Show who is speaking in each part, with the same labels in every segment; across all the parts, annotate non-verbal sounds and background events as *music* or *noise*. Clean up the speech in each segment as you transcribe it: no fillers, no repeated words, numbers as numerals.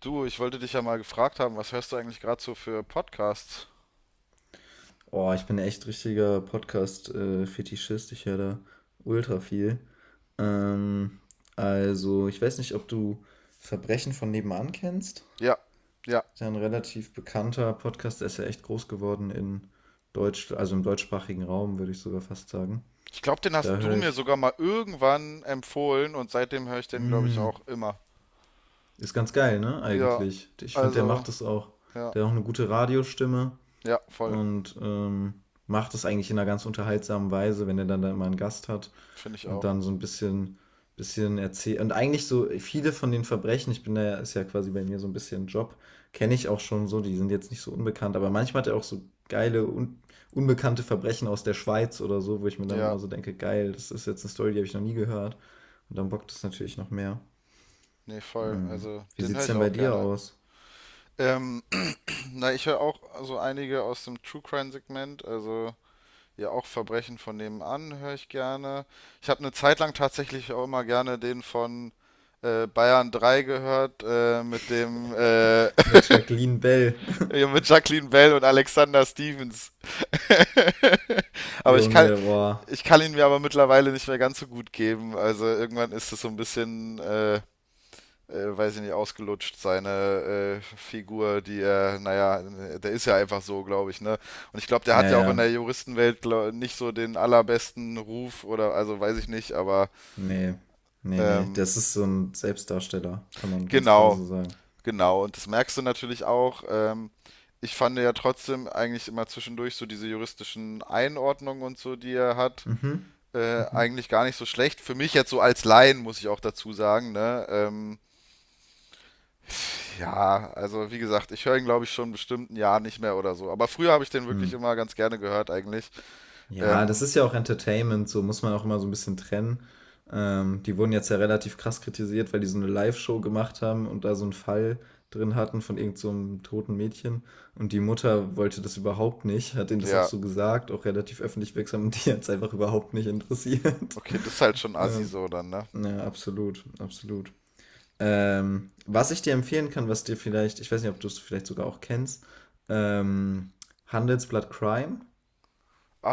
Speaker 1: Du, ich wollte dich ja mal gefragt haben, was hörst du eigentlich gerade so für Podcasts?
Speaker 2: Boah, ich bin echt richtiger Podcast-Fetischist. Ich höre da ultra viel. Ähm, also, ich weiß nicht, ob du Verbrechen von nebenan kennst.
Speaker 1: Ja, ja.
Speaker 2: Ist ja ein relativ bekannter Podcast, der ist ja echt groß geworden in Deutsch, also im deutschsprachigen Raum, würde ich sogar fast sagen.
Speaker 1: Ich glaube, den
Speaker 2: Da
Speaker 1: hast du
Speaker 2: höre
Speaker 1: mir
Speaker 2: ich,
Speaker 1: sogar mal irgendwann empfohlen und seitdem höre ich den, glaube ich,
Speaker 2: mm,
Speaker 1: auch immer.
Speaker 2: ist ganz geil, ne,
Speaker 1: Ja,
Speaker 2: eigentlich. Ich finde, der
Speaker 1: also,
Speaker 2: macht das auch,
Speaker 1: ja,
Speaker 2: der hat auch eine gute Radiostimme
Speaker 1: ja, voll.
Speaker 2: und macht das eigentlich in einer ganz unterhaltsamen Weise, wenn er dann da immer einen Gast hat.
Speaker 1: Finde ich
Speaker 2: Und
Speaker 1: auch.
Speaker 2: dann so ein bisschen bisschen erzäh und eigentlich so viele von den Verbrechen, ich bin da ja, ist ja quasi bei mir so ein bisschen Job, kenne ich auch schon so, die sind jetzt nicht so unbekannt, aber manchmal hat er auch so geile un unbekannte Verbrechen aus der Schweiz oder so, wo ich mir dann
Speaker 1: Ja,
Speaker 2: immer so denke: „Geil, das ist jetzt eine Story, die habe ich noch nie gehört.“ Und dann bockt es natürlich noch mehr.
Speaker 1: nee, voll.
Speaker 2: Mhm.
Speaker 1: Also,
Speaker 2: Wie
Speaker 1: den höre
Speaker 2: sieht's
Speaker 1: ich
Speaker 2: denn bei
Speaker 1: auch
Speaker 2: dir
Speaker 1: gerne.
Speaker 2: aus?
Speaker 1: Ähm, *clears throat* na, ich höre auch so einige aus dem True Crime Segment, also ja, auch Verbrechen von nebenan höre ich gerne. Ich habe eine Zeit lang tatsächlich auch immer gerne den von Bayern 3 gehört, mit dem, *laughs*
Speaker 2: Mit Jacqueline Bell. *laughs*
Speaker 1: ja, mit Jacqueline Bell und Alexander Stevens. *laughs* Aber ich
Speaker 2: Junge,
Speaker 1: kann,
Speaker 2: boah.
Speaker 1: ich kann ihn mir aber mittlerweile nicht mehr ganz so gut geben. Also irgendwann ist es so ein bisschen, weiß ich nicht, ausgelutscht, seine Figur, die er, naja, der ist ja einfach so, glaube ich, ne? Und ich glaube, der hat
Speaker 2: Ja,
Speaker 1: ja auch in
Speaker 2: ja.
Speaker 1: der Juristenwelt glaub, nicht so den allerbesten Ruf oder, also weiß ich nicht, aber
Speaker 2: Nee, nee, nee.
Speaker 1: ähm,
Speaker 2: Das ist so ein Selbstdarsteller, kann man ganz klar
Speaker 1: genau,
Speaker 2: so sagen.
Speaker 1: genau. Und das merkst du natürlich auch. Ich fand ja trotzdem eigentlich immer zwischendurch so diese juristischen Einordnungen und so, die er hat,
Speaker 2: Mhm. Mhm.
Speaker 1: eigentlich gar nicht so schlecht. Für mich jetzt so als Laien, muss ich auch dazu sagen, ne? Ja, also wie gesagt, ich höre ihn, glaube ich, schon bestimmt ein Jahr nicht mehr oder so. Aber früher habe ich den
Speaker 2: Hm.
Speaker 1: wirklich immer ganz gerne gehört, eigentlich.
Speaker 2: Ja, das
Speaker 1: Ähm,
Speaker 2: ist ja auch Entertainment, so muss man auch immer so ein bisschen trennen. Die wurden jetzt ja relativ krass kritisiert, weil die so eine Live-Show gemacht haben und da so einen Fall drin hatten von irgend so 'nem toten Mädchen. Und die Mutter wollte das überhaupt nicht, hat denen das auch
Speaker 1: ja,
Speaker 2: so gesagt, auch relativ öffentlich wirksam und die hat's einfach überhaupt nicht interessiert.
Speaker 1: okay, das ist
Speaker 2: *laughs*
Speaker 1: halt schon assi
Speaker 2: Ähm,
Speaker 1: so dann, ne?
Speaker 2: ja, absolut, absolut. Was ich dir empfehlen kann, was dir vielleicht, ich weiß nicht, ob du es vielleicht sogar auch kennst, ähm, Handelsblatt Crime.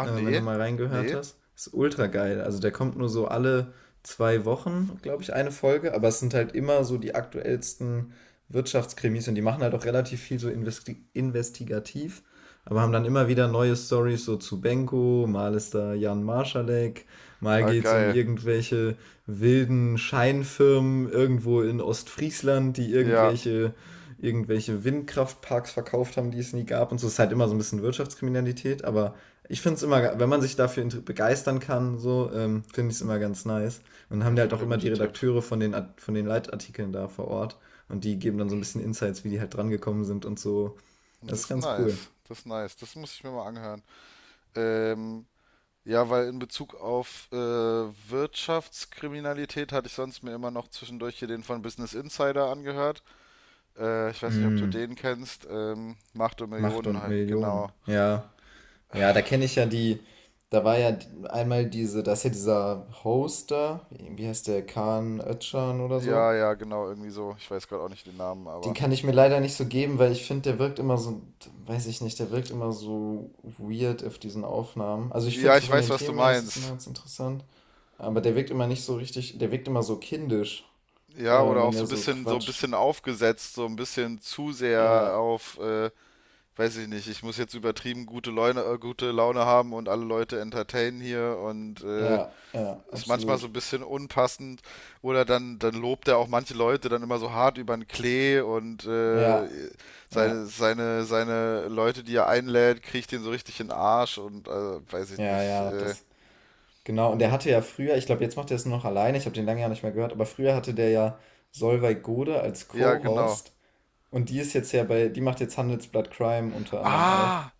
Speaker 2: Wenn du
Speaker 1: nee,
Speaker 2: mal reingehört
Speaker 1: nee.
Speaker 2: hast. Ist ultra geil. Also der kommt nur so alle zwei Wochen, glaube ich, eine Folge, aber es sind halt immer so die aktuellsten Wirtschaftskrimis und die machen halt auch relativ viel so investigativ, aber haben dann immer wieder neue Stories so zu Benko, mal ist da Jan Marschalek, mal
Speaker 1: Ah,
Speaker 2: geht's um
Speaker 1: geil.
Speaker 2: irgendwelche wilden Scheinfirmen irgendwo in Ostfriesland, die
Speaker 1: Ja,
Speaker 2: irgendwelche Windkraftparks verkauft haben, die es nie gab und so. Es ist halt immer so ein bisschen Wirtschaftskriminalität, aber ich finde es immer, wenn man sich dafür begeistern kann, so, finde ich es immer ganz nice. Und dann
Speaker 1: ja,
Speaker 2: haben die halt
Speaker 1: voll
Speaker 2: auch
Speaker 1: der
Speaker 2: immer
Speaker 1: gute
Speaker 2: die
Speaker 1: Tipp.
Speaker 2: Redakteure von den, von den Leitartikeln da vor Ort. Und die geben dann so ein bisschen Insights, wie die halt dran gekommen sind und so.
Speaker 1: Das
Speaker 2: Das ist
Speaker 1: ist
Speaker 2: ganz cool.
Speaker 1: nice, das ist nice. Das muss ich mir mal anhören. Ähm, ja, weil in Bezug auf Wirtschaftskriminalität hatte ich sonst mir immer noch zwischendurch hier den von Business Insider angehört. Ich weiß nicht, ob du
Speaker 2: Mm,
Speaker 1: den kennst. Macht und
Speaker 2: Macht
Speaker 1: Millionen
Speaker 2: und
Speaker 1: halt,
Speaker 2: Millionen.
Speaker 1: genau.
Speaker 2: Ja. Ja, da kenne ich ja die. Da war ja einmal diese, da ist ja dieser Hoster, wie heißt der, Kaan Öcalan oder
Speaker 1: Ja,
Speaker 2: so.
Speaker 1: ja, genau, irgendwie so. Ich weiß gerade auch nicht den Namen,
Speaker 2: Den
Speaker 1: aber.
Speaker 2: kann ich mir leider nicht so geben, weil ich finde, der wirkt immer so, weiß ich nicht, der wirkt immer so weird auf diesen Aufnahmen. Also ich
Speaker 1: Ja,
Speaker 2: finde,
Speaker 1: ich
Speaker 2: von
Speaker 1: weiß,
Speaker 2: den
Speaker 1: was du
Speaker 2: Themen her ist es immer
Speaker 1: meinst.
Speaker 2: ganz interessant, aber der wirkt immer nicht so richtig, der wirkt immer so kindisch, äh,
Speaker 1: Ja, oder
Speaker 2: wenn
Speaker 1: auch
Speaker 2: der so
Speaker 1: so ein
Speaker 2: quatscht.
Speaker 1: bisschen aufgesetzt, so ein bisschen zu sehr
Speaker 2: Ja,
Speaker 1: auf, weiß ich nicht, ich muss jetzt übertrieben gute Laune haben und alle Leute entertainen hier und
Speaker 2: ja, ja,
Speaker 1: ist manchmal so
Speaker 2: absolut.
Speaker 1: ein bisschen unpassend. Oder dann lobt er auch manche Leute dann immer so hart über den Klee und
Speaker 2: Ja, ja,
Speaker 1: seine Leute, die er einlädt, kriegt ihn so richtig in den Arsch und weiß ich
Speaker 2: ja,
Speaker 1: nicht.
Speaker 2: ja, das, genau. Und der hatte ja früher, ich glaube, jetzt macht er es nur noch alleine, ich habe den lange ja nicht mehr gehört, aber früher hatte der ja Solveig Gode als
Speaker 1: Ja, genau.
Speaker 2: Co-Host und die ist jetzt ja bei, die macht jetzt Handelsblatt Crime unter anderem auch.
Speaker 1: Ah,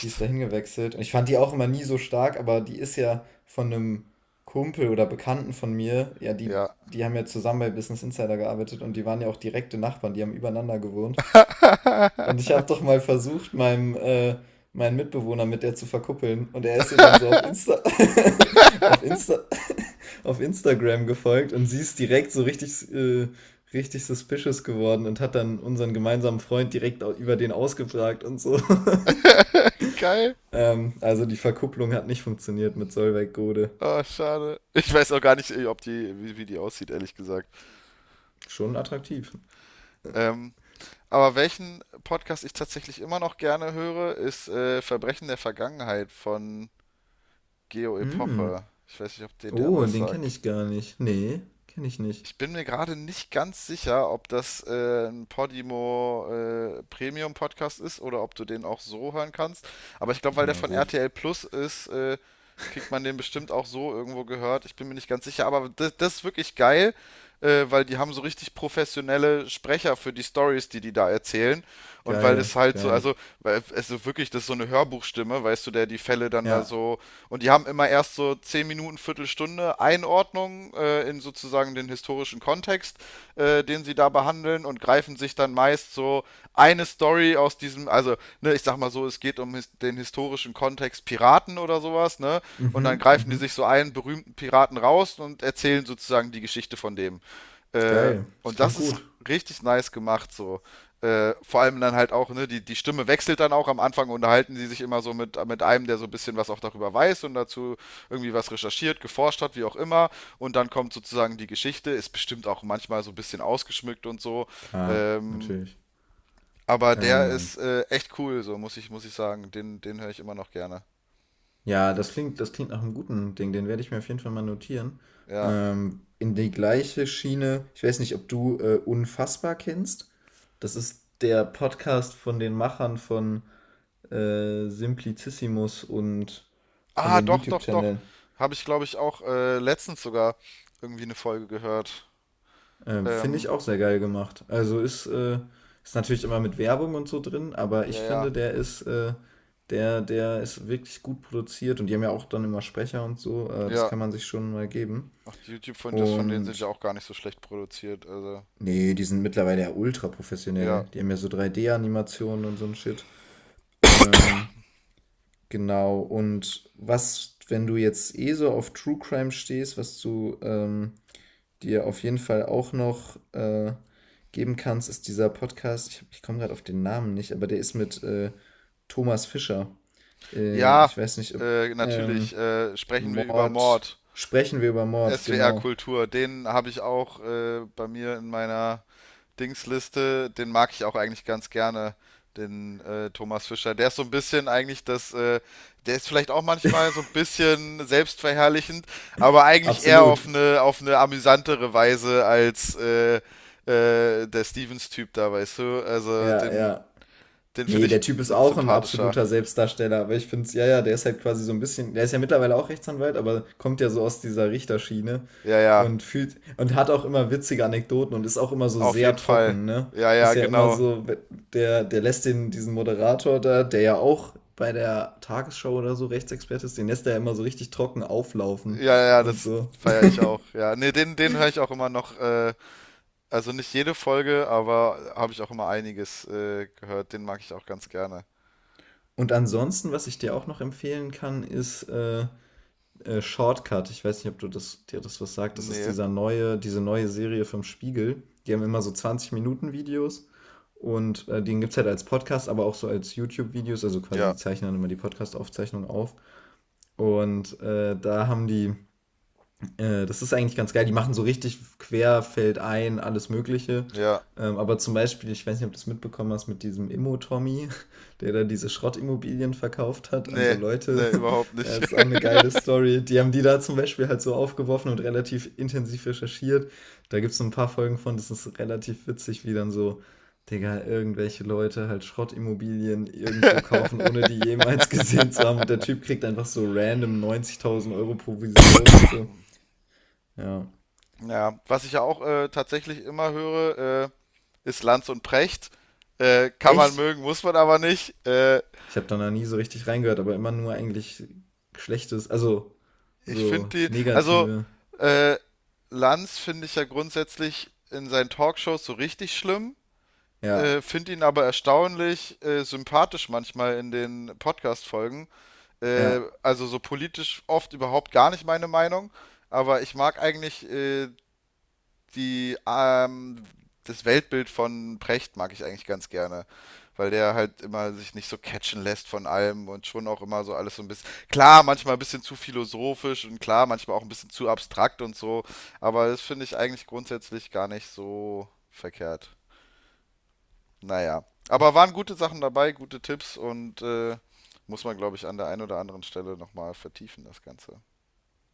Speaker 2: Die ist dahin gewechselt. Und ich fand die auch immer nie so stark, aber die ist ja von einem Kumpel oder Bekannten von mir, ja, die,
Speaker 1: Ja.
Speaker 2: die haben ja zusammen bei Business Insider gearbeitet und die waren ja auch direkte Nachbarn, die haben übereinander gewohnt. Und ich habe doch mal versucht, meinem meinen Mitbewohner mit der zu verkuppeln und er ist ihr dann so auf Insta *laughs* auf Insta *laughs* auf Instagram gefolgt und sie ist direkt so richtig richtig suspicious geworden und hat dann unseren gemeinsamen Freund direkt über den ausgefragt und so. *laughs*
Speaker 1: *laughs* Geil.
Speaker 2: Also die Verkupplung hat nicht funktioniert mit Solveig-Gode.
Speaker 1: Oh, schade. Ich weiß auch gar nicht, ob die, wie, wie die aussieht, ehrlich gesagt.
Speaker 2: Schon attraktiv.
Speaker 1: Ähm, aber welchen Podcast ich tatsächlich immer noch gerne höre, ist Verbrechen der Vergangenheit von Geo
Speaker 2: Mm.
Speaker 1: Epoche. Ich weiß nicht, ob dir der
Speaker 2: Oh,
Speaker 1: was
Speaker 2: den kenne
Speaker 1: sagt.
Speaker 2: ich gar nicht. Nee, kenne ich nicht.
Speaker 1: Ich bin mir gerade nicht ganz sicher, ob das ein Podimo Premium Podcast ist oder ob du den auch so hören kannst. Aber ich glaube, weil der
Speaker 2: Ja,
Speaker 1: von
Speaker 2: gut.
Speaker 1: RTL Plus ist, kriegt man den bestimmt auch so irgendwo gehört. Ich bin mir nicht ganz sicher, aber das, das ist wirklich geil, weil die haben so richtig professionelle Sprecher für die Stories, die die da erzählen. Und weil
Speaker 2: Geil,
Speaker 1: das halt so,
Speaker 2: geil.
Speaker 1: also weil es so wirklich, das ist so eine Hörbuchstimme, weißt du, der die Fälle dann da
Speaker 2: Ja.
Speaker 1: so. Und die haben immer erst so 10 Minuten, Viertelstunde Einordnung in sozusagen den historischen Kontext, den sie da behandeln und greifen sich dann meist so eine Story aus diesem, also, ne, ich sag mal so, es geht um his den historischen Kontext Piraten oder sowas, ne? Und dann
Speaker 2: Mhm,
Speaker 1: greifen die
Speaker 2: mhm.
Speaker 1: sich so einen berühmten Piraten raus und erzählen sozusagen die Geschichte von dem. Äh,
Speaker 2: Geil. Das
Speaker 1: und
Speaker 2: klingt
Speaker 1: das ist
Speaker 2: gut.
Speaker 1: richtig nice gemacht so vor allem dann halt auch, ne, die, die Stimme wechselt dann auch. Am Anfang unterhalten sie sich immer so mit einem, der so ein bisschen was auch darüber weiß und dazu irgendwie was recherchiert, geforscht hat, wie auch immer. Und dann kommt sozusagen die Geschichte, ist bestimmt auch manchmal so ein bisschen ausgeschmückt und so.
Speaker 2: Klar,
Speaker 1: Ähm,
Speaker 2: natürlich.
Speaker 1: aber der
Speaker 2: Ähm,
Speaker 1: ist echt cool, so muss ich sagen. Den höre ich immer noch gerne.
Speaker 2: ja, das klingt nach einem guten Ding. Den werde ich mir auf jeden Fall mal notieren.
Speaker 1: Ja.
Speaker 2: In die gleiche Schiene. Ich weiß nicht, ob du Unfassbar kennst. Das ist der Podcast von den Machern von Simplicissimus und von
Speaker 1: Ah,
Speaker 2: den
Speaker 1: doch, doch, doch.
Speaker 2: YouTube-Channeln.
Speaker 1: Habe ich, glaube ich, auch letztens sogar irgendwie eine Folge gehört.
Speaker 2: Finde ich
Speaker 1: Ähm,
Speaker 2: auch sehr geil gemacht. Also ist natürlich immer mit Werbung und so drin, aber
Speaker 1: ja,
Speaker 2: ich
Speaker 1: ja.
Speaker 2: finde, der ist wirklich gut produziert und die haben ja auch dann immer Sprecher und so. Das
Speaker 1: Ja,
Speaker 2: kann man sich schon mal geben.
Speaker 1: ach, die YouTube von denen sind ja
Speaker 2: Und
Speaker 1: auch gar nicht so schlecht produziert. Also,
Speaker 2: nee, die sind mittlerweile ja ultra
Speaker 1: ja.
Speaker 2: professionell. Die haben ja so 3D-Animationen und so ein Shit. Ähm, genau. Und was, wenn du jetzt eh so auf True Crime stehst, was du dir auf jeden Fall auch noch geben kannst, ist dieser Podcast. Ich komme gerade auf den Namen nicht, aber der ist mit Thomas Fischer.
Speaker 1: Ja,
Speaker 2: Ich weiß nicht, ob ähm,
Speaker 1: natürlich. Sprechen wir über
Speaker 2: Mord.
Speaker 1: Mord.
Speaker 2: Sprechen wir über Mord,
Speaker 1: SWR
Speaker 2: genau.
Speaker 1: Kultur. Den habe ich auch bei mir in meiner Dingsliste. Den mag ich auch eigentlich ganz gerne. Den Thomas Fischer. Der ist so ein bisschen eigentlich das, der ist vielleicht auch manchmal so ein bisschen selbstverherrlichend, aber eigentlich eher
Speaker 2: Absolut.
Speaker 1: auf eine amüsantere Weise als der Stevens-Typ da, weißt du? Also
Speaker 2: Ja,
Speaker 1: den,
Speaker 2: ja.
Speaker 1: den
Speaker 2: Nee,
Speaker 1: finde
Speaker 2: der
Speaker 1: ich
Speaker 2: Typ ist
Speaker 1: noch
Speaker 2: auch ein
Speaker 1: sympathischer.
Speaker 2: absoluter Selbstdarsteller, aber ich finde es, ja, ja, der ist halt quasi so ein bisschen, der ist ja mittlerweile auch Rechtsanwalt, aber kommt ja so aus dieser Richterschiene
Speaker 1: Ja, ja,
Speaker 2: und fühlt und hat auch immer witzige Anekdoten und ist auch immer so
Speaker 1: auf
Speaker 2: sehr
Speaker 1: jeden Fall.
Speaker 2: trocken, ne?
Speaker 1: Ja, ja,
Speaker 2: Ist ja immer
Speaker 1: genau.
Speaker 2: so, der, der lässt den, diesen Moderator da, der ja auch bei der Tagesschau oder so Rechtsexperte ist, den lässt er ja immer so richtig trocken auflaufen
Speaker 1: Ja, ja,
Speaker 2: und
Speaker 1: das
Speaker 2: so.
Speaker 1: feiere ich auch. Ja, nee, den, den höre ich auch immer noch. Also nicht jede Folge, aber habe ich auch immer einiges gehört. Den mag ich auch ganz gerne.
Speaker 2: Und ansonsten, was ich dir auch noch empfehlen kann, ist Shortcut. Ich weiß nicht, ob du das, dir das was sagt. Das ist
Speaker 1: Nee,
Speaker 2: dieser neue, diese neue Serie vom Spiegel. Die haben immer so 20-Minuten-Videos und den gibt es halt als Podcast, aber auch so als YouTube-Videos. Also quasi,
Speaker 1: ja,
Speaker 2: die zeichnen dann immer die Podcast-Aufzeichnung auf. Und da haben die Das ist eigentlich ganz geil. Die machen so richtig quer, fällt ein, alles Mögliche.
Speaker 1: ja,
Speaker 2: Aber zum Beispiel, ich weiß nicht, ob du es mitbekommen hast, mit diesem Immo-Tommy, *laughs* der da diese Schrottimmobilien verkauft hat an so
Speaker 1: nee,
Speaker 2: Leute.
Speaker 1: nee, überhaupt
Speaker 2: *laughs*
Speaker 1: nicht.
Speaker 2: Das ist auch eine geile Story. Die haben die da zum Beispiel halt so aufgeworfen und relativ intensiv recherchiert. Da gibt es so ein paar Folgen von, das ist relativ witzig, wie dann so, Digga, irgendwelche Leute halt Schrottimmobilien irgendwo kaufen, ohne die jemals *laughs* gesehen
Speaker 1: *laughs*
Speaker 2: zu haben. Und der Typ kriegt einfach so random 90.000 Euro Provision und so. Ja.
Speaker 1: Ja, was ich ja auch tatsächlich immer höre, ist Lanz und Precht. Kann man
Speaker 2: Echt?
Speaker 1: mögen, muss man aber nicht.
Speaker 2: Ich habe da noch nie so richtig reingehört, aber immer nur eigentlich Schlechtes, also
Speaker 1: Ich finde
Speaker 2: so
Speaker 1: die, also
Speaker 2: negative.
Speaker 1: äh, Lanz finde ich ja grundsätzlich in seinen Talkshows so richtig schlimm,
Speaker 2: Ja,
Speaker 1: finde ihn aber erstaunlich sympathisch manchmal in den Podcast-Folgen.
Speaker 2: ja.
Speaker 1: Also so politisch oft überhaupt gar nicht meine Meinung, aber ich mag eigentlich die, das Weltbild von Precht mag ich eigentlich ganz gerne, weil der halt immer sich nicht so catchen lässt von allem und schon auch immer so alles so ein bisschen, klar, manchmal ein bisschen zu philosophisch und klar, manchmal auch ein bisschen zu abstrakt und so, aber das finde ich eigentlich grundsätzlich gar nicht so verkehrt. Naja, aber waren gute Sachen dabei, gute Tipps und muss man, glaube ich, an der einen oder anderen Stelle nochmal vertiefen, das Ganze.